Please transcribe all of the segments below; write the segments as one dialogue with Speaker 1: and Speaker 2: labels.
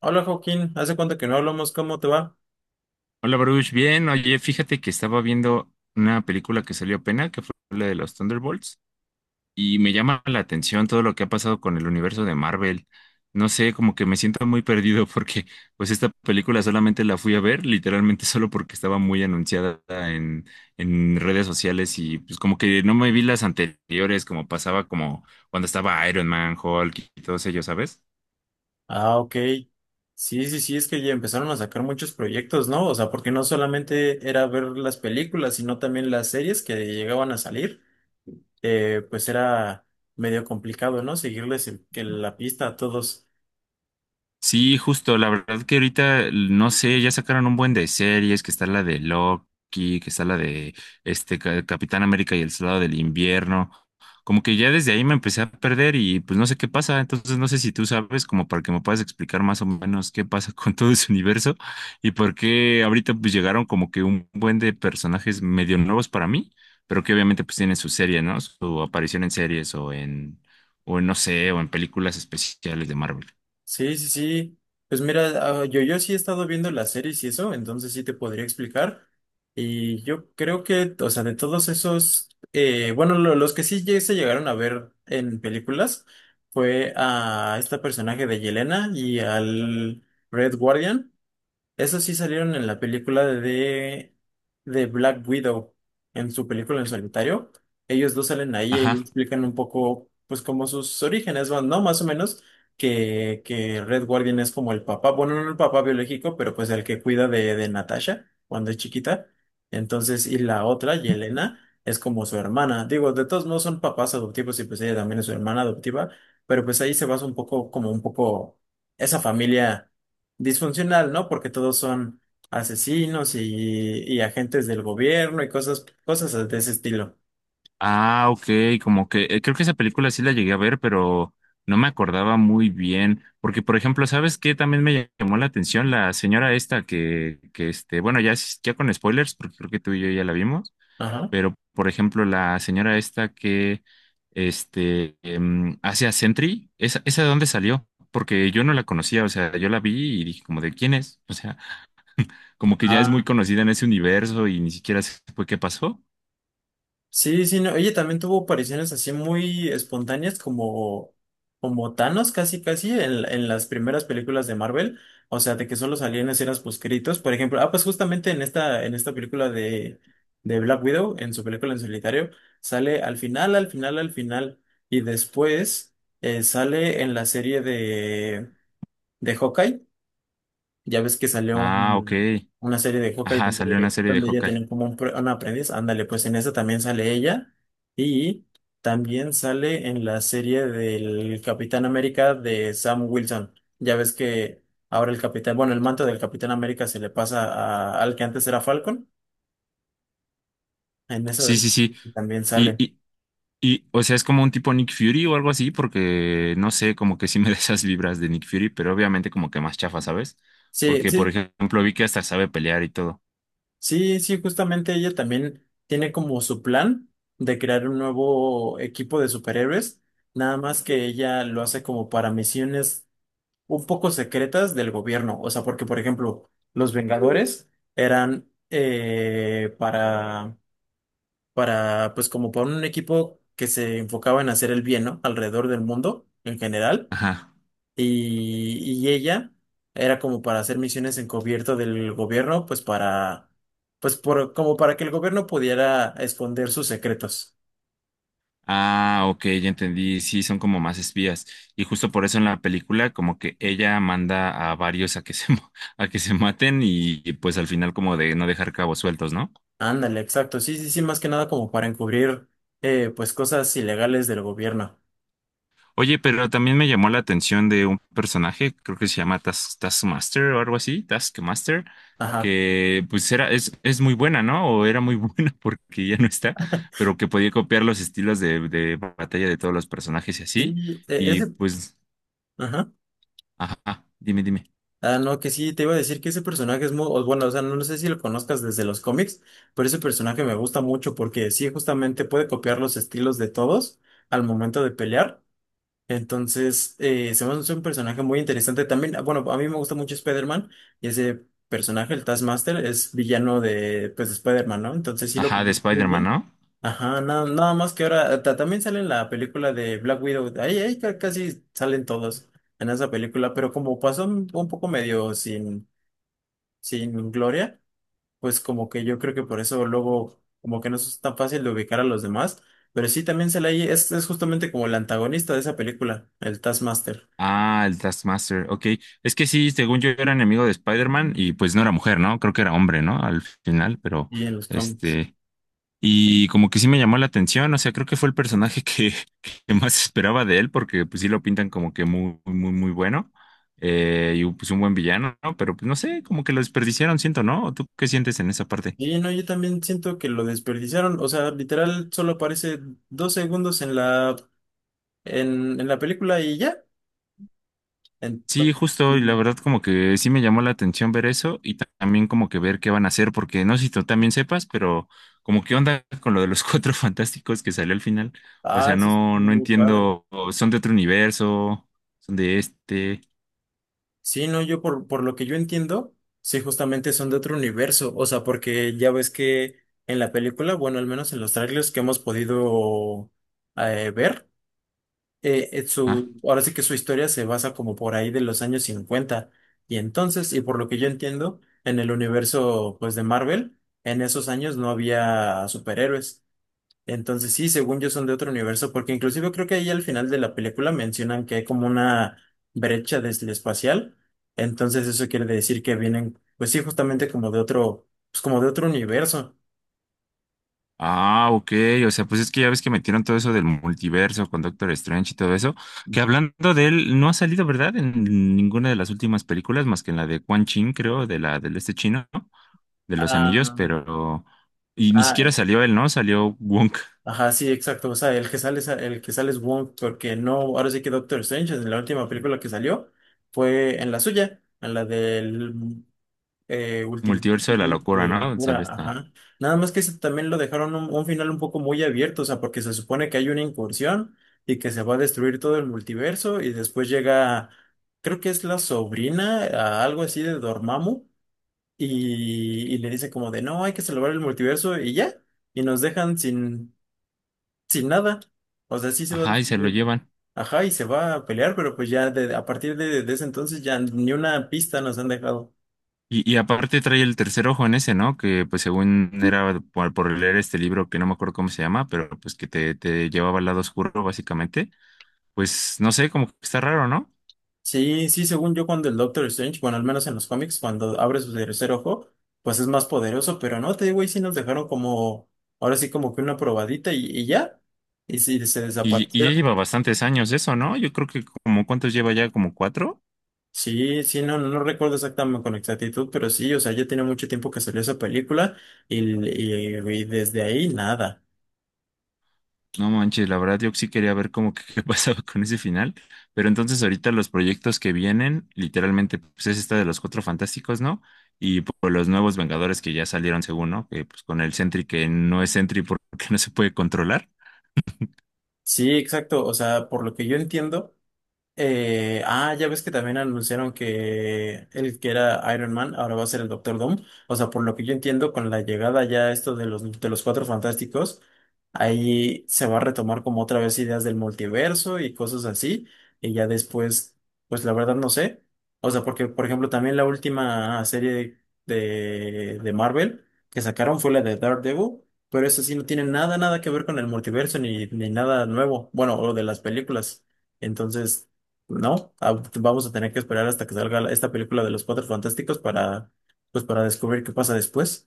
Speaker 1: Hola Joaquín, ¿hace cuánto que no hablamos? ¿Cómo te va?
Speaker 2: Hola Baruch, bien. Oye, fíjate que estaba viendo una película que salió apenas, que fue la de los Thunderbolts, y me llama la atención todo lo que ha pasado con el universo de Marvel. No sé, como que me siento muy perdido porque pues esta película solamente la fui a ver, literalmente solo porque estaba muy anunciada en redes sociales y pues como que no me vi las anteriores, como pasaba como cuando estaba Iron Man, Hulk y todos ellos, ¿sabes?
Speaker 1: Ah, ok. Sí, sí, sí, es que ya empezaron a sacar muchos proyectos, ¿no? O sea, porque no solamente era ver las películas, sino también las series que llegaban a salir. Pues era medio complicado, ¿no? Que la pista a todos.
Speaker 2: Sí, justo, la verdad que ahorita, no sé, ya sacaron un buen de series, que está la de Loki, que está la de este Capitán América y el Soldado del Invierno. Como que ya desde ahí me empecé a perder y pues no sé qué pasa, entonces no sé si tú sabes como para que me puedas explicar más o menos qué pasa con todo ese universo y por qué ahorita pues llegaron como que un buen de personajes medio nuevos para mí, pero que obviamente pues tienen su serie, ¿no? Su aparición en series o en, no sé, o en películas especiales de Marvel.
Speaker 1: Sí, sí, sí. Pues mira, yo sí he estado viendo las series y eso, entonces sí te podría explicar. Y yo creo que, o sea, de todos esos, bueno, los que se llegaron a ver en películas fue a este personaje de Yelena y al Red Guardian. Esos sí salieron en la película de Black Widow, en su película en solitario. Ellos dos salen ahí y explican un poco, pues, como sus orígenes van, ¿no? Más o menos, que Red Guardian es como el papá, bueno, no el papá biológico, pero pues el que cuida de Natasha cuando es chiquita. Entonces, y la otra, Yelena, es como su hermana. Digo, de todos modos son papás adoptivos y pues ella también es su hermana adoptiva, pero pues ahí se basa un poco, como un poco esa familia disfuncional, ¿no? Porque todos son asesinos y agentes del gobierno y cosas, cosas de ese estilo.
Speaker 2: Ah, ok, como que creo que esa película sí la llegué a ver, pero no me acordaba muy bien, porque por ejemplo, ¿sabes qué? También me llamó la atención la señora esta que este, bueno, ya, ya con spoilers, porque creo que tú y yo ya la vimos,
Speaker 1: Ajá.
Speaker 2: pero por ejemplo, la señora esta que, este, hace a Sentry. ¿Esa, esa de dónde salió? Porque yo no la conocía, o sea, yo la vi y dije como, ¿de quién es? O sea, como que ya es
Speaker 1: Ah,
Speaker 2: muy conocida en ese universo y ni siquiera sé qué pasó.
Speaker 1: sí, sí, no. Oye, también tuvo apariciones así muy espontáneas como, como Thanos, casi, casi, en las primeras películas de Marvel. O sea, de que solo salían escenas poscritos. Por ejemplo, ah, pues justamente en esta película de Black Widow, en su película en solitario, sale al final, al final, al final. Y después sale en la serie de Hawkeye. Ya ves que
Speaker 2: Ah, ok.
Speaker 1: una serie de Hawkeye
Speaker 2: Ajá, salió una
Speaker 1: donde,
Speaker 2: serie de
Speaker 1: donde ella
Speaker 2: Hawkeye.
Speaker 1: tenía como una aprendiz. Ándale, pues en esa también sale ella. Y también sale en la serie del Capitán América de Sam Wilson. Ya ves que ahora el capitán, bueno, el manto del Capitán América se le pasa al que antes era Falcon. En esa
Speaker 2: Sí, sí, sí.
Speaker 1: también
Speaker 2: Y,
Speaker 1: sale.
Speaker 2: y, o sea, es como un tipo Nick Fury o algo así, porque no sé, como que sí me da esas vibras de Nick Fury, pero obviamente como que más chafa, ¿sabes?
Speaker 1: Sí,
Speaker 2: Porque, por
Speaker 1: sí,
Speaker 2: ejemplo, vi que hasta sabe pelear y todo.
Speaker 1: sí, sí, justamente ella también tiene como su plan de crear un nuevo equipo de superhéroes, nada más que ella lo hace como para misiones un poco secretas del gobierno, o sea, porque por ejemplo, los Vengadores eran para, pues como para un equipo que se enfocaba en hacer el bien, ¿no? Alrededor del mundo en general.
Speaker 2: Ajá.
Speaker 1: Y ella era como para hacer misiones encubierto del gobierno, pues para, pues por, como para que el gobierno pudiera esconder sus secretos.
Speaker 2: Ah, ok, ya entendí. Sí, son como más espías. Y justo por eso en la película, como que ella manda a varios a que se, a que se maten y, pues al final como de no dejar cabos sueltos, ¿no?
Speaker 1: Ándale, exacto. Sí, sí, sí, más que nada como para encubrir, pues cosas ilegales del gobierno.
Speaker 2: Oye, pero también me llamó la atención de un personaje, creo que se llama Taskmaster o algo así, Taskmaster,
Speaker 1: Ajá.
Speaker 2: que pues era, es muy buena, ¿no? O era muy buena porque ya no está, pero que podía copiar los estilos de batalla de todos los personajes y así.
Speaker 1: Sí, e-
Speaker 2: Y
Speaker 1: ese,
Speaker 2: pues,
Speaker 1: ajá.
Speaker 2: ajá, dime, dime.
Speaker 1: Ah, no, que sí, te iba a decir que ese personaje es muy, o bueno, o sea, no, no sé si lo conozcas desde los cómics, pero ese personaje me gusta mucho porque sí, justamente puede copiar los estilos de todos al momento de pelear. Entonces, se me hace un personaje muy interesante también. Bueno, a mí me gusta mucho Spider-Man y ese personaje, el Taskmaster, es villano de, pues, de Spider-Man, ¿no? Entonces sí lo
Speaker 2: Ajá, de
Speaker 1: ocupó muy
Speaker 2: Spider-Man,
Speaker 1: bien.
Speaker 2: ¿no?
Speaker 1: Ajá, nada, nada más que ahora también sale en la película de Black Widow. Ahí, casi salen todos en esa película, pero como pasó un poco medio sin, sin gloria, pues como que yo creo que por eso luego como que no es tan fácil de ubicar a los demás, pero sí también es justamente como el antagonista de esa película, el Taskmaster,
Speaker 2: Ah, el Taskmaster, ok. Es que sí, según yo era enemigo de Spider-Man y pues no era mujer, ¿no? Creo que era hombre, ¿no? Al final, pero
Speaker 1: y en los cómics.
Speaker 2: este... Y como que sí me llamó la atención, o sea, creo que fue el personaje que, que más esperaba de él, porque pues sí lo pintan como que muy, muy, muy bueno, y pues un buen villano, ¿no? Pero pues no sé, como que lo desperdiciaron, siento, ¿no? ¿O ¿Tú qué sientes en esa parte?
Speaker 1: Y no, yo también siento que lo desperdiciaron, o sea, literal solo aparece dos segundos en la película y ya.
Speaker 2: Sí,
Speaker 1: Entonces,
Speaker 2: justo, y la
Speaker 1: sí.
Speaker 2: verdad como que sí me llamó la atención ver eso, y también como que ver qué van a hacer, porque no sé si tú también sepas, pero como qué onda con lo de los Cuatro Fantásticos que salió al final. O
Speaker 1: Ah,
Speaker 2: sea,
Speaker 1: eso es
Speaker 2: no, no
Speaker 1: muy padre.
Speaker 2: entiendo, ¿son de otro universo, son de este?
Speaker 1: Sí, no, yo por lo que yo entiendo, sí, justamente son de otro universo, o sea, porque ya ves que en la película, bueno, al menos en los trailers que hemos podido ver,
Speaker 2: Ajá.
Speaker 1: ahora sí que su historia se basa como por ahí de los años 50 y entonces, y por lo que yo entiendo, en el universo, pues, de Marvel, en esos años no había superhéroes, entonces sí, según yo son de otro universo, porque inclusive creo que ahí al final de la película mencionan que hay como una brecha desde espacial. Entonces eso quiere decir que vienen, pues sí, justamente como de otro, pues como de otro universo.
Speaker 2: Ah, ok. O sea, pues es que ya ves que metieron todo eso del multiverso con Doctor Strange y todo eso. Que
Speaker 1: Ujú.
Speaker 2: hablando de él, no ha salido, ¿verdad? En ninguna de las últimas películas, más que en la de Quan Chin, creo, de la del este chino, ¿no? De los anillos,
Speaker 1: Ah,
Speaker 2: pero. Y ni
Speaker 1: ah,
Speaker 2: siquiera salió él, ¿no? Salió Wonk,
Speaker 1: ajá, sí, exacto. O sea, el que sale es, el que sale es Wong, porque no, ahora sí que Doctor Strange en la última película que salió fue en la suya, en la del último,
Speaker 2: multiverso de la
Speaker 1: la
Speaker 2: locura, ¿no? Sale
Speaker 1: locura,
Speaker 2: esta.
Speaker 1: ajá. Nada más que ese también lo dejaron un final un poco muy abierto, o sea, porque se supone que hay una incursión y que se va a destruir todo el multiverso y después llega, creo que es la sobrina, a algo así de Dormammu y le dice como de, no, hay que salvar el multiverso y ya, y nos dejan sin, sin nada. O sea, sí se va a
Speaker 2: Ajá, y se lo
Speaker 1: destruir.
Speaker 2: llevan.
Speaker 1: Ajá, y se va a pelear, pero pues ya a partir de ese entonces ya ni una pista nos han dejado.
Speaker 2: Y aparte trae el tercer ojo en ese, ¿no? Que pues según era por leer este libro que no me acuerdo cómo se llama, pero pues que te llevaba al lado oscuro, básicamente pues no sé, como que está raro, ¿no?
Speaker 1: Sí, sí, según yo, cuando el Doctor Strange, bueno, al menos en los cómics, cuando abre su tercer ojo, pues es más poderoso, pero no, te digo, ahí sí nos dejaron como, ahora sí como que una probadita y ya, y sí, se
Speaker 2: Y ya
Speaker 1: desaparecieron.
Speaker 2: lleva bastantes años eso, ¿no? Yo creo que como cuántos lleva ya, como cuatro.
Speaker 1: Sí, sí, no, no recuerdo exactamente con exactitud, pero sí, o sea, ya tiene mucho tiempo que salió esa película y, y desde ahí nada.
Speaker 2: No manches, la verdad yo sí quería ver como que qué pasaba con ese final, pero entonces ahorita los proyectos que vienen, literalmente, pues es esta de los Cuatro Fantásticos, ¿no? Y por los nuevos Vengadores que ya salieron según, ¿no? Que pues con el Sentry que no es Sentry porque no se puede controlar.
Speaker 1: Sí, exacto, o sea, por lo que yo entiendo. Ya ves que también anunciaron que el que era Iron Man ahora va a ser el Doctor Doom. O sea, por lo que yo entiendo, con la llegada ya esto de los Cuatro Fantásticos, ahí se va a retomar como otra vez ideas del multiverso y cosas así. Y ya después, pues la verdad no sé. O sea, porque, por ejemplo, también la última serie de Marvel que sacaron fue la de Daredevil. Pero eso sí no tiene nada, nada que ver con el multiverso ni, ni nada nuevo. Bueno, o de las películas. Entonces. No, pues vamos a tener que esperar hasta que salga esta película de los Cuatro Fantásticos para, pues, para descubrir qué pasa después.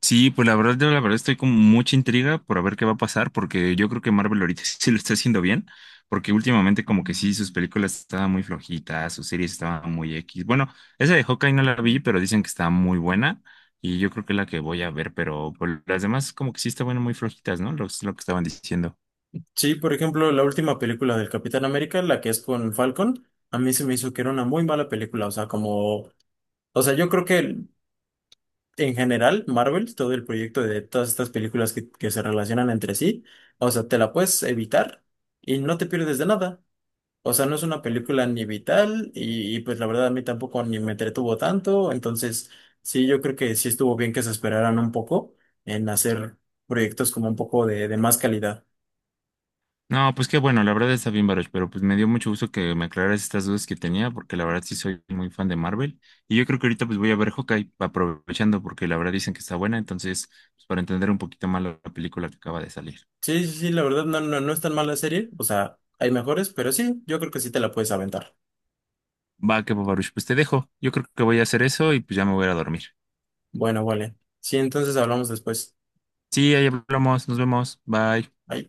Speaker 2: Sí, pues la verdad, yo la verdad estoy con mucha intriga por a ver qué va a pasar, porque yo creo que Marvel ahorita sí lo está haciendo bien, porque últimamente como que sí, sus películas estaban muy flojitas, sus series estaban muy X. Bueno, esa de Hawkeye no la vi, pero dicen que está muy buena y yo creo que es la que voy a ver, pero pues, las demás como que sí estaban muy flojitas, ¿no? Lo que estaban diciendo.
Speaker 1: Sí, por ejemplo, la última película del Capitán América, la que es con Falcon, a mí se me hizo que era una muy mala película. O sea, como, o sea, yo creo que en general Marvel, todo el proyecto de todas estas películas que se relacionan entre sí, o sea, te la puedes evitar y no te pierdes de nada. O sea, no es una película ni vital y, pues la verdad a mí tampoco ni me entretuvo tanto. Entonces, sí, yo creo que sí estuvo bien que se esperaran un poco en hacer proyectos como un poco de más calidad.
Speaker 2: No, pues qué bueno, la verdad está bien, Baruch, pero pues me dio mucho gusto que me aclararas estas dudas que tenía, porque la verdad sí soy muy fan de Marvel. Y yo creo que ahorita pues voy a ver Hawkeye aprovechando, porque la verdad dicen que está buena, entonces, pues para entender un poquito más la película que acaba de salir.
Speaker 1: Sí, sí, sí, la verdad no, no, no es tan mala serie. O sea, hay mejores, pero sí, yo creo que sí te la puedes aventar.
Speaker 2: Va, que va, Baruch, pues te dejo. Yo creo que voy a hacer eso y pues ya me voy a ir a dormir.
Speaker 1: Bueno, vale. Sí, entonces hablamos después.
Speaker 2: Sí, ahí hablamos, nos vemos, bye.
Speaker 1: Bye.